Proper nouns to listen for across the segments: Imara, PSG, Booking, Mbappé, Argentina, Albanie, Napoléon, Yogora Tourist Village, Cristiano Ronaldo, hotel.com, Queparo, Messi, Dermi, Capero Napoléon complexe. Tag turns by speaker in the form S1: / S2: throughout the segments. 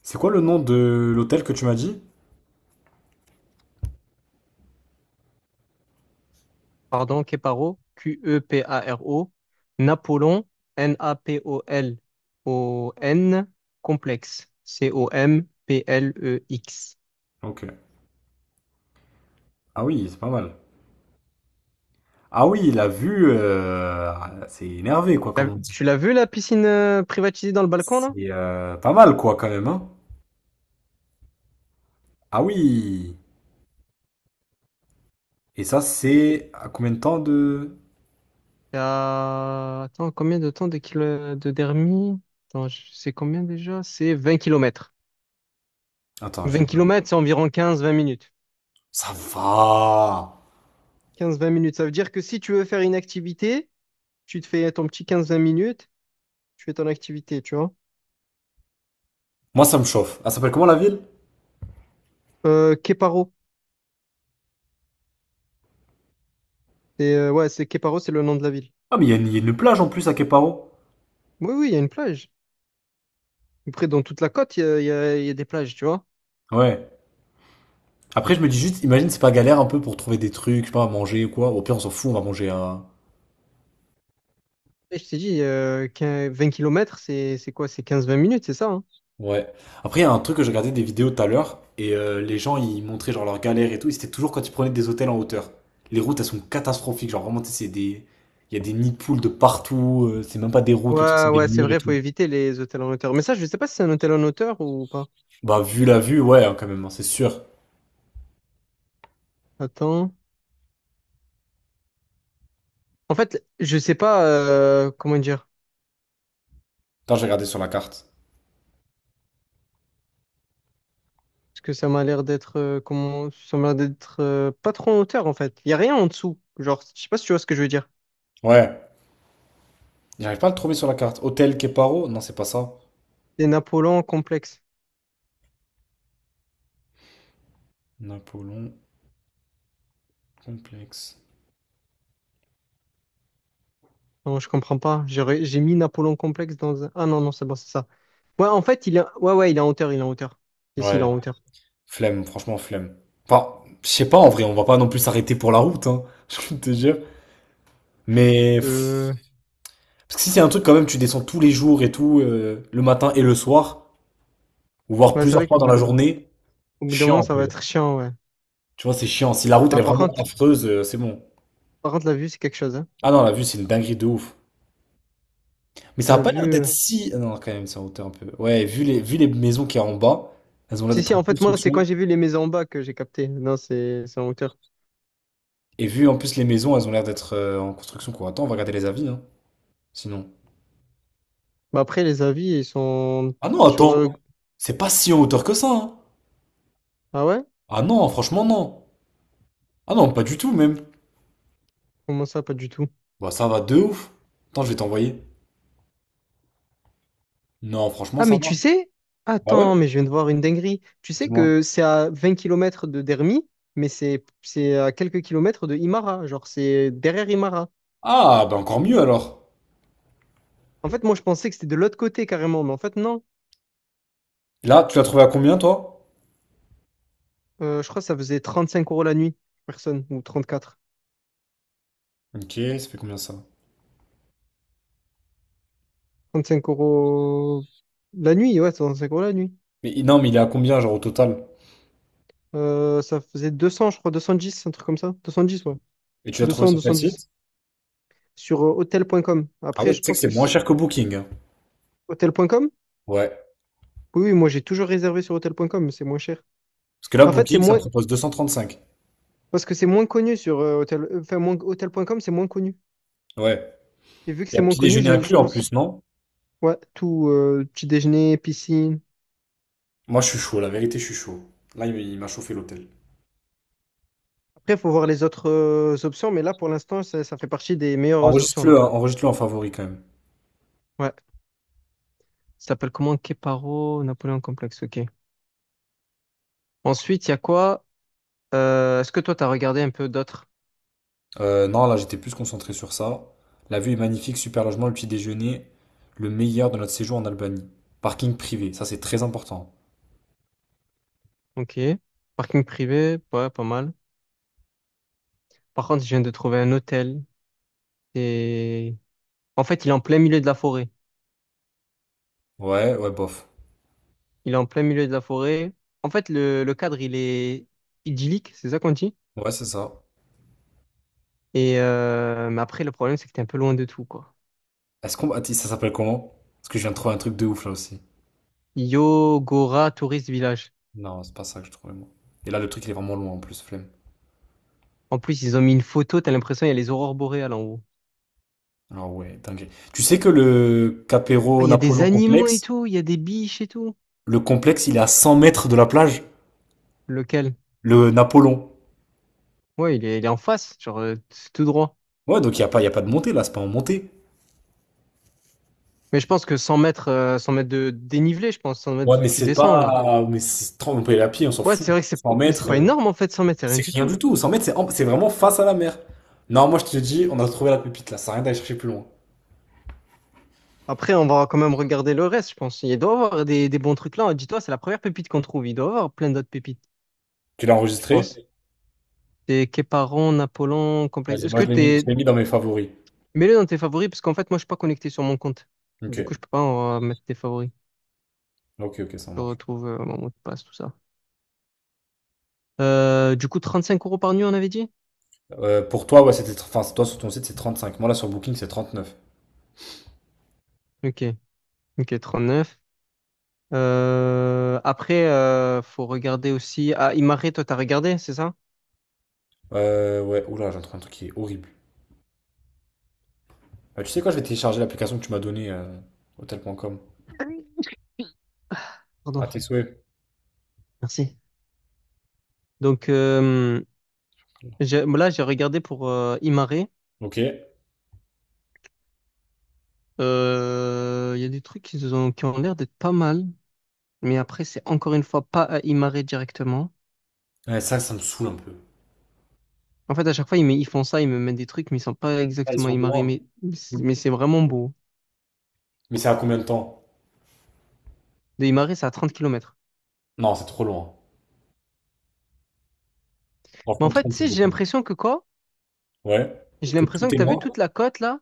S1: C'est quoi le nom de l'hôtel que tu m'as dit?
S2: Pardon, Queparo, Q-E-P-A-R-O, Napoléon, N-A-P-O-L-O-N, complexe, C-O-M-P-L-E-X.
S1: Ok. Ah oui, c'est pas mal. Ah oui, la vue, c'est énervé, quoi, comme on dit.
S2: Tu l'as vu la piscine privatisée dans le balcon là?
S1: C'est pas mal, quoi, quand même, hein. Ah oui. Et ça, c'est à combien de temps de...
S2: Attends, combien de temps de, de Dermi? Attends, c'est combien déjà? C'est 20 km.
S1: Attends, je
S2: Vingt
S1: vais...
S2: kilomètres, c'est environ 15-20 minutes.
S1: Ça va.
S2: 15-20 minutes, ça veut dire que si tu veux faire une activité, tu te fais ton petit 15-20 minutes, tu fais ton activité, tu vois.
S1: Moi, ça me chauffe. Elle s'appelle comment la ville?
S2: Queparo. C'est ouais, c'est Queparo, c'est le nom de la ville.
S1: Ah, mais il y a une plage en plus à Queparo.
S2: Oui, oui, il y a une plage. Après, dans toute la côte, il y a des plages, tu vois.
S1: Ouais. Après, je me dis juste, imagine, c'est pas galère un peu pour trouver des trucs, je sais pas, à manger ou quoi. Au pire, on s'en fout, on va manger à...
S2: Et je t'ai dit, 15 20 km, c'est quoi? C'est 15-20 minutes, c'est ça, hein.
S1: Ouais. Après, il y a un truc que j'ai regardé des vidéos tout à l'heure, et les gens, ils montraient genre leurs galères et tout, et c'était toujours quand ils prenaient des hôtels en hauteur. Les routes, elles sont catastrophiques, genre vraiment, tu sais, c'est des... Il y a des nids de poules de partout, c'est même pas des routes, le truc,
S2: Ouais,
S1: c'est des
S2: ouais, c'est
S1: murs et
S2: vrai, faut
S1: tout.
S2: éviter les hôtels en hauteur. Mais ça, je sais pas si c'est un hôtel en hauteur ou pas.
S1: Bah, vu la vue, ouais, hein, quand même, hein, c'est sûr.
S2: Attends. En fait, je sais pas comment dire.
S1: Attends, j'ai regardé sur la carte.
S2: Parce que ça m'a l'air d'être comment ça m'a l'air d'être pas trop en hauteur en fait. Il y a rien en dessous. Genre, je sais pas si tu vois ce que je veux dire.
S1: Ouais. J'arrive pas à le trouver sur la carte. Hôtel Keparo? Non, c'est pas ça.
S2: Des Napoléons complexes.
S1: Napoléon complexe.
S2: Non, je comprends pas. J'ai mis Napoléon complexe dans un. Ah non, non, c'est bon, c'est ça. Ouais, en fait, ouais, ouais, il est en hauteur, il est en hauteur. Ici il est
S1: Ouais.
S2: en hauteur.
S1: Flemme, franchement, flemme. Enfin, je sais pas, en vrai, on va pas non plus s'arrêter pour la route, hein, je te jure.
S2: Parce
S1: Mais...
S2: que.
S1: Parce que si c'est un truc quand même, tu descends tous les jours et tout, le matin et le soir, ou voire
S2: Ouais, c'est
S1: plusieurs
S2: vrai
S1: fois
S2: qu'au
S1: dans
S2: bout...
S1: la
S2: d-
S1: journée,
S2: au bout d'un
S1: chiant
S2: moment,
S1: un
S2: ça va
S1: peu.
S2: être chiant, ouais.
S1: Tu vois, c'est chiant. Si la route elle
S2: Bah,
S1: est
S2: par
S1: vraiment
S2: contre,
S1: affreuse, c'est bon.
S2: par contre, la vue, c'est quelque chose, hein.
S1: Ah non, la vue c'est une dinguerie de ouf. Mais ça a
S2: La
S1: pas l'air
S2: vue.
S1: d'être si. Ah non, quand même, c'est en hauteur un peu. Ouais, vu les maisons qu'il y a en bas, elles ont l'air
S2: Si,
S1: d'être
S2: si,
S1: en
S2: en fait, moi, c'est
S1: construction.
S2: quand j'ai vu les maisons en bas que j'ai capté. Non, c'est en hauteur.
S1: Et vu en plus les maisons, elles ont l'air d'être en construction, quoi. Attends, on va regarder les avis, hein. Sinon.
S2: Bah, après, les avis, ils sont
S1: Ah non,
S2: sur.
S1: attends, c'est pas si en hauteur que ça, hein.
S2: Ah ouais?
S1: Ah non, franchement, non. Ah non, pas du tout, même.
S2: Comment ça, pas du tout?
S1: Bah, ça va de ouf. Attends, je vais t'envoyer. Non, franchement,
S2: Ah,
S1: ça
S2: mais tu
S1: va.
S2: sais.
S1: Bah ouais,
S2: Attends, mais je viens de voir une dinguerie. Tu sais
S1: dis-moi.
S2: que c'est à 20 km de Dermi, mais c'est à quelques kilomètres de Imara. Genre, c'est derrière Imara.
S1: Ah, bah encore mieux alors.
S2: En fait, moi, je pensais que c'était de l'autre côté carrément, mais en fait, non.
S1: Là, tu l'as trouvé à combien, toi?
S2: Je crois que ça faisait 35 € la nuit, personne, ou 34,
S1: Ok, ça fait combien ça?
S2: 35 € la nuit, ouais, 35 € la nuit.
S1: Mais non, mais il est à combien, genre au total?
S2: Ça faisait 200, je crois, 210, un truc comme ça. 210, ouais.
S1: Et tu l'as
S2: deux
S1: trouvé
S2: cents,
S1: sur
S2: deux
S1: quel
S2: cent dix
S1: site?
S2: Sur hotel.com.
S1: Ah
S2: Après,
S1: ouais, tu
S2: je
S1: sais que
S2: pense
S1: c'est
S2: que...
S1: moins
S2: c-
S1: cher que Booking, hein.
S2: Hotel.com?
S1: Ouais.
S2: Oui, oui, moi, j'ai toujours réservé sur hotel.com, mais c'est moins cher.
S1: Parce que là,
S2: En fait, c'est
S1: Booking, ça me
S2: moins.
S1: propose 235.
S2: Parce que c'est moins connu sur Enfin, hotel.com, c'est moins connu.
S1: Ouais.
S2: Et vu que
S1: Il y
S2: c'est
S1: a
S2: moins
S1: petit
S2: connu,
S1: déjeuner
S2: je
S1: inclus en plus,
S2: pense.
S1: non?
S2: Ouais, tout, petit déjeuner, piscine.
S1: Moi, je suis chaud, la vérité, je suis chaud. Là, il m'a chauffé l'hôtel.
S2: Après, il faut voir les autres options, mais là, pour l'instant, ça fait partie des meilleures options,
S1: Enregistre-le,
S2: là.
S1: hein, enregistre-le en favori quand même.
S2: Ouais. Ça s'appelle comment? Keparo, Napoléon Complexe, ok. Ensuite, il y a quoi? Est-ce que toi, tu as regardé un peu d'autres?
S1: Non, là, j'étais plus concentré sur ça. La vue est magnifique, super logement, le petit déjeuner, le meilleur de notre séjour en Albanie. Parking privé, ça c'est très important.
S2: Ok. Parking privé, ouais, pas mal. Par contre, je viens de trouver un hôtel. Et. En fait, il est en plein milieu de la forêt.
S1: Ouais, ouais, bof.
S2: Il est en plein milieu de la forêt. En fait, le cadre, il est idyllique, c'est ça qu'on dit?
S1: Ouais, c'est ça.
S2: Et mais après, le problème, c'est que t'es un peu loin de tout, quoi.
S1: Est-ce qu'on... Attends, ça s'appelle comment? Parce que je viens de trouver un truc de ouf là aussi.
S2: Yogora Tourist Village.
S1: Non, c'est pas ça que je trouvais moi. Et là, le truc, il est vraiment loin en plus, flemme.
S2: En plus, ils ont mis une photo, t'as l'impression il y a les aurores boréales en haut.
S1: Alors ouais, dingue. Tu sais que le
S2: Ah,
S1: Capero
S2: il y a des
S1: Napoléon
S2: animaux et
S1: complexe,
S2: tout, il y a des biches et tout.
S1: le complexe, il est à 100 mètres de la plage.
S2: Lequel?
S1: Le Napoléon.
S2: Ouais, il est en face, genre c'est tout droit.
S1: Ouais, donc il y a pas de montée là, c'est pas en montée.
S2: Mais je pense que 100 mètres, 100 mètres de dénivelé, je pense, 100 mètres,
S1: Ouais,
S2: tu,
S1: mais
S2: tu
S1: c'est
S2: descends là.
S1: pas. Mais c'est 30 la pied, on s'en
S2: Ouais,
S1: fout.
S2: c'est vrai que c'est,
S1: cent
S2: mais c'est
S1: mètres,
S2: pas énorme en fait, 100 mètres, c'est rien
S1: c'est
S2: du
S1: rien du
S2: tout.
S1: tout. 100 mètres, c'est vraiment face à la mer. Non, moi je te dis, on a trouvé la pépite là, ça sert à rien d'aller chercher plus loin.
S2: Après, on va quand même regarder le reste, je pense. Il doit y avoir des bons trucs là. Dis-toi, c'est la première pépite qu'on trouve. Il doit y avoir plein d'autres pépites,
S1: Tu l'as
S2: je pense.
S1: enregistré?
S2: Des Képaron, Napoléon, complexe.
S1: Vas-y, moi je l'ai mis, je l'ai mis dans mes favoris.
S2: Mets-le dans tes favoris, parce qu'en fait, moi, je suis pas connecté sur mon compte.
S1: Ok,
S2: Du coup, je peux pas en mettre tes favoris.
S1: ok, ok, ça
S2: Je
S1: marche.
S2: retrouve mon mot de passe, tout ça. Du coup, 35 € par nuit, on avait dit?
S1: Pour toi, ouais, c'était. Enfin, toi sur ton site, c'est 35. Moi là sur Booking, c'est 39.
S2: Ok, ok, 39. Après, faut regarder aussi. Ah, Imare, toi, t'as regardé, c'est ça?
S1: Ouais, oula, j'ai trouvé un truc qui est horrible. Tu sais quoi, je vais télécharger l'application que tu m'as donnée, hotel.com. À
S2: Pardon,
S1: tes souhaits.
S2: merci. Donc, là, j'ai regardé pour Imare.
S1: Ok.
S2: Il y a des trucs qui ont l'air d'être pas mal, mais après, c'est encore une fois pas à Imare directement.
S1: Ouais, ça me saoule un peu.
S2: En fait, à chaque fois, ils font ça, ils me mettent des trucs, mais ils sont pas
S1: Ah, ils
S2: exactement
S1: sont
S2: Imare,
S1: loin.
S2: mais c'est vraiment beau.
S1: Mais c'est à combien de temps?
S2: De Imare, c'est à 30 km.
S1: Non, c'est trop loin.
S2: Mais en
S1: Franchement,
S2: fait,
S1: 30
S2: tu
S1: c'est
S2: sais, j'ai
S1: beaucoup.
S2: l'impression que quoi?
S1: Ouais.
S2: J'ai
S1: Que
S2: l'impression
S1: tout
S2: que
S1: est
S2: t'as vu
S1: loin.
S2: toute la côte là.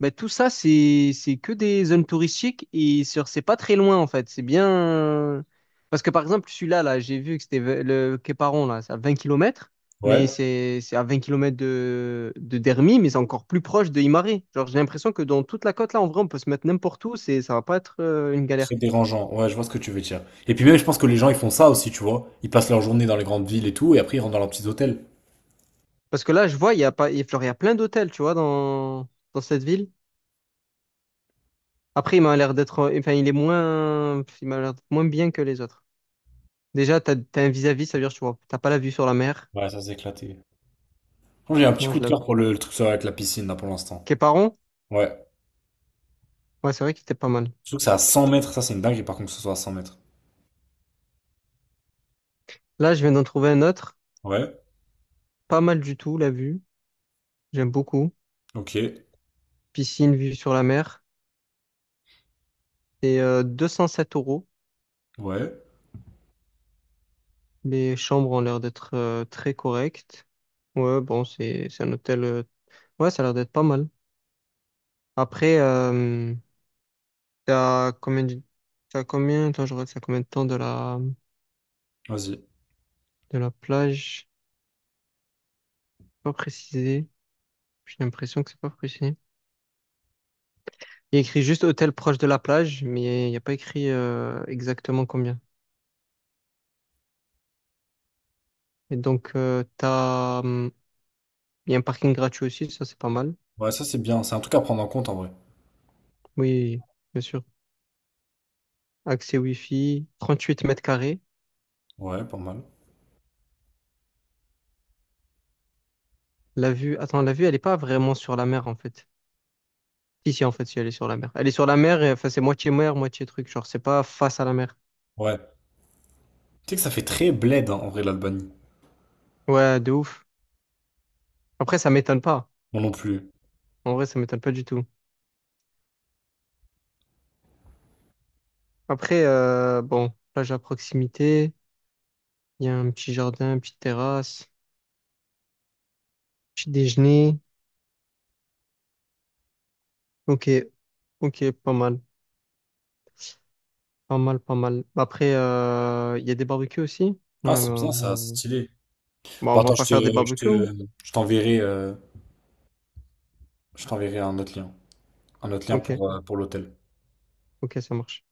S2: Ben, tout ça, c'est que des zones touristiques et sur c'est pas très loin en fait. C'est bien. Parce que par exemple, celui-là, là, j'ai vu que le Quéparon, là, c'est à 20 km, mais
S1: Ouais.
S2: c'est à 20 km de Dermy, mais c'est encore plus proche de Imare. Genre, j'ai l'impression que dans toute la côte là, en vrai, on peut se mettre n'importe où, c'est ça va pas être une
S1: C'est
S2: galère.
S1: dérangeant. Ouais, je vois ce que tu veux dire. Et puis même, je pense que les gens, ils font ça aussi, tu vois. Ils passent leur journée dans les grandes villes et tout, et après, ils rentrent dans leurs petits hôtels.
S2: Parce que là, je vois, il y a pas, il y a genre, il y a plein d'hôtels, tu vois, dans cette ville. Après, il m'a l'air d'être. Enfin, il est moins. Il m'a l'air d'être moins bien que les autres. Déjà, t'as un vis-à-vis, ça veut dire tu vois, t'as pas la vue sur la mer.
S1: Ouais, ça, c'est éclaté. Franchement, j'ai un petit
S2: Moi,
S1: coup
S2: je
S1: de cœur
S2: l'avoue.
S1: pour le truc avec la piscine, là, pour l'instant.
S2: Képaron?
S1: Ouais.
S2: Ouais, c'est vrai qu'il était pas mal.
S1: Je trouve que c'est à 100 mètres. Ça, c'est une dinguerie, par contre, que ce soit à 100 mètres.
S2: Là, je viens d'en trouver un autre.
S1: Ouais.
S2: Pas mal du tout, la vue. J'aime beaucoup.
S1: Ok.
S2: Piscine, vue sur la mer. C'est 207 euros.
S1: Ouais.
S2: Les chambres ont l'air d'être très correctes. Ouais, bon, c'est un hôtel. Ouais, ça a l'air d'être pas mal. Après, t'as combien de... t'as combien... Attends, je regarde, c'est à combien de temps de la,
S1: Vas-y.
S2: de la plage? Pas précisé. J'ai l'impression que c'est pas précisé. Il y a écrit juste hôtel proche de la plage, mais il n'y a pas écrit exactement combien. Et donc, il y a un parking gratuit aussi, ça c'est pas mal.
S1: Ouais, ça, c'est bien. C'est un truc à prendre en compte, en vrai.
S2: Oui, bien sûr. Accès Wi-Fi, 38 mètres carrés.
S1: Ouais, pas mal.
S2: La vue, attends, la vue, elle est pas vraiment sur la mer en fait. Si, si, en fait, si, elle est sur la mer. Elle est sur la mer, et, enfin, c'est moitié mer, moitié truc. Genre, c'est pas face à la mer.
S1: Ouais. Tu sais que ça fait très bled, hein, en vrai, l'Albanie.
S2: Ouais, de ouf. Après, ça m'étonne pas.
S1: Moi non plus.
S2: En vrai, ça m'étonne pas du tout. Après, bon, plage à proximité. Il y a un petit jardin, une petite terrasse, petit déjeuner. Ok, ok, pas mal, pas mal, pas mal. Après, il y a des barbecues aussi. Ouais,
S1: Ah, c'est bien,
S2: ben,
S1: ça, c'est
S2: on.
S1: stylé.
S2: Bon,
S1: Bon,
S2: on va
S1: attends,
S2: pas faire des
S1: je
S2: barbecues, hein.
S1: te, je t'enverrai, je t'enverrai un autre lien
S2: Ok,
S1: pour l'hôtel.
S2: ok, ça marche.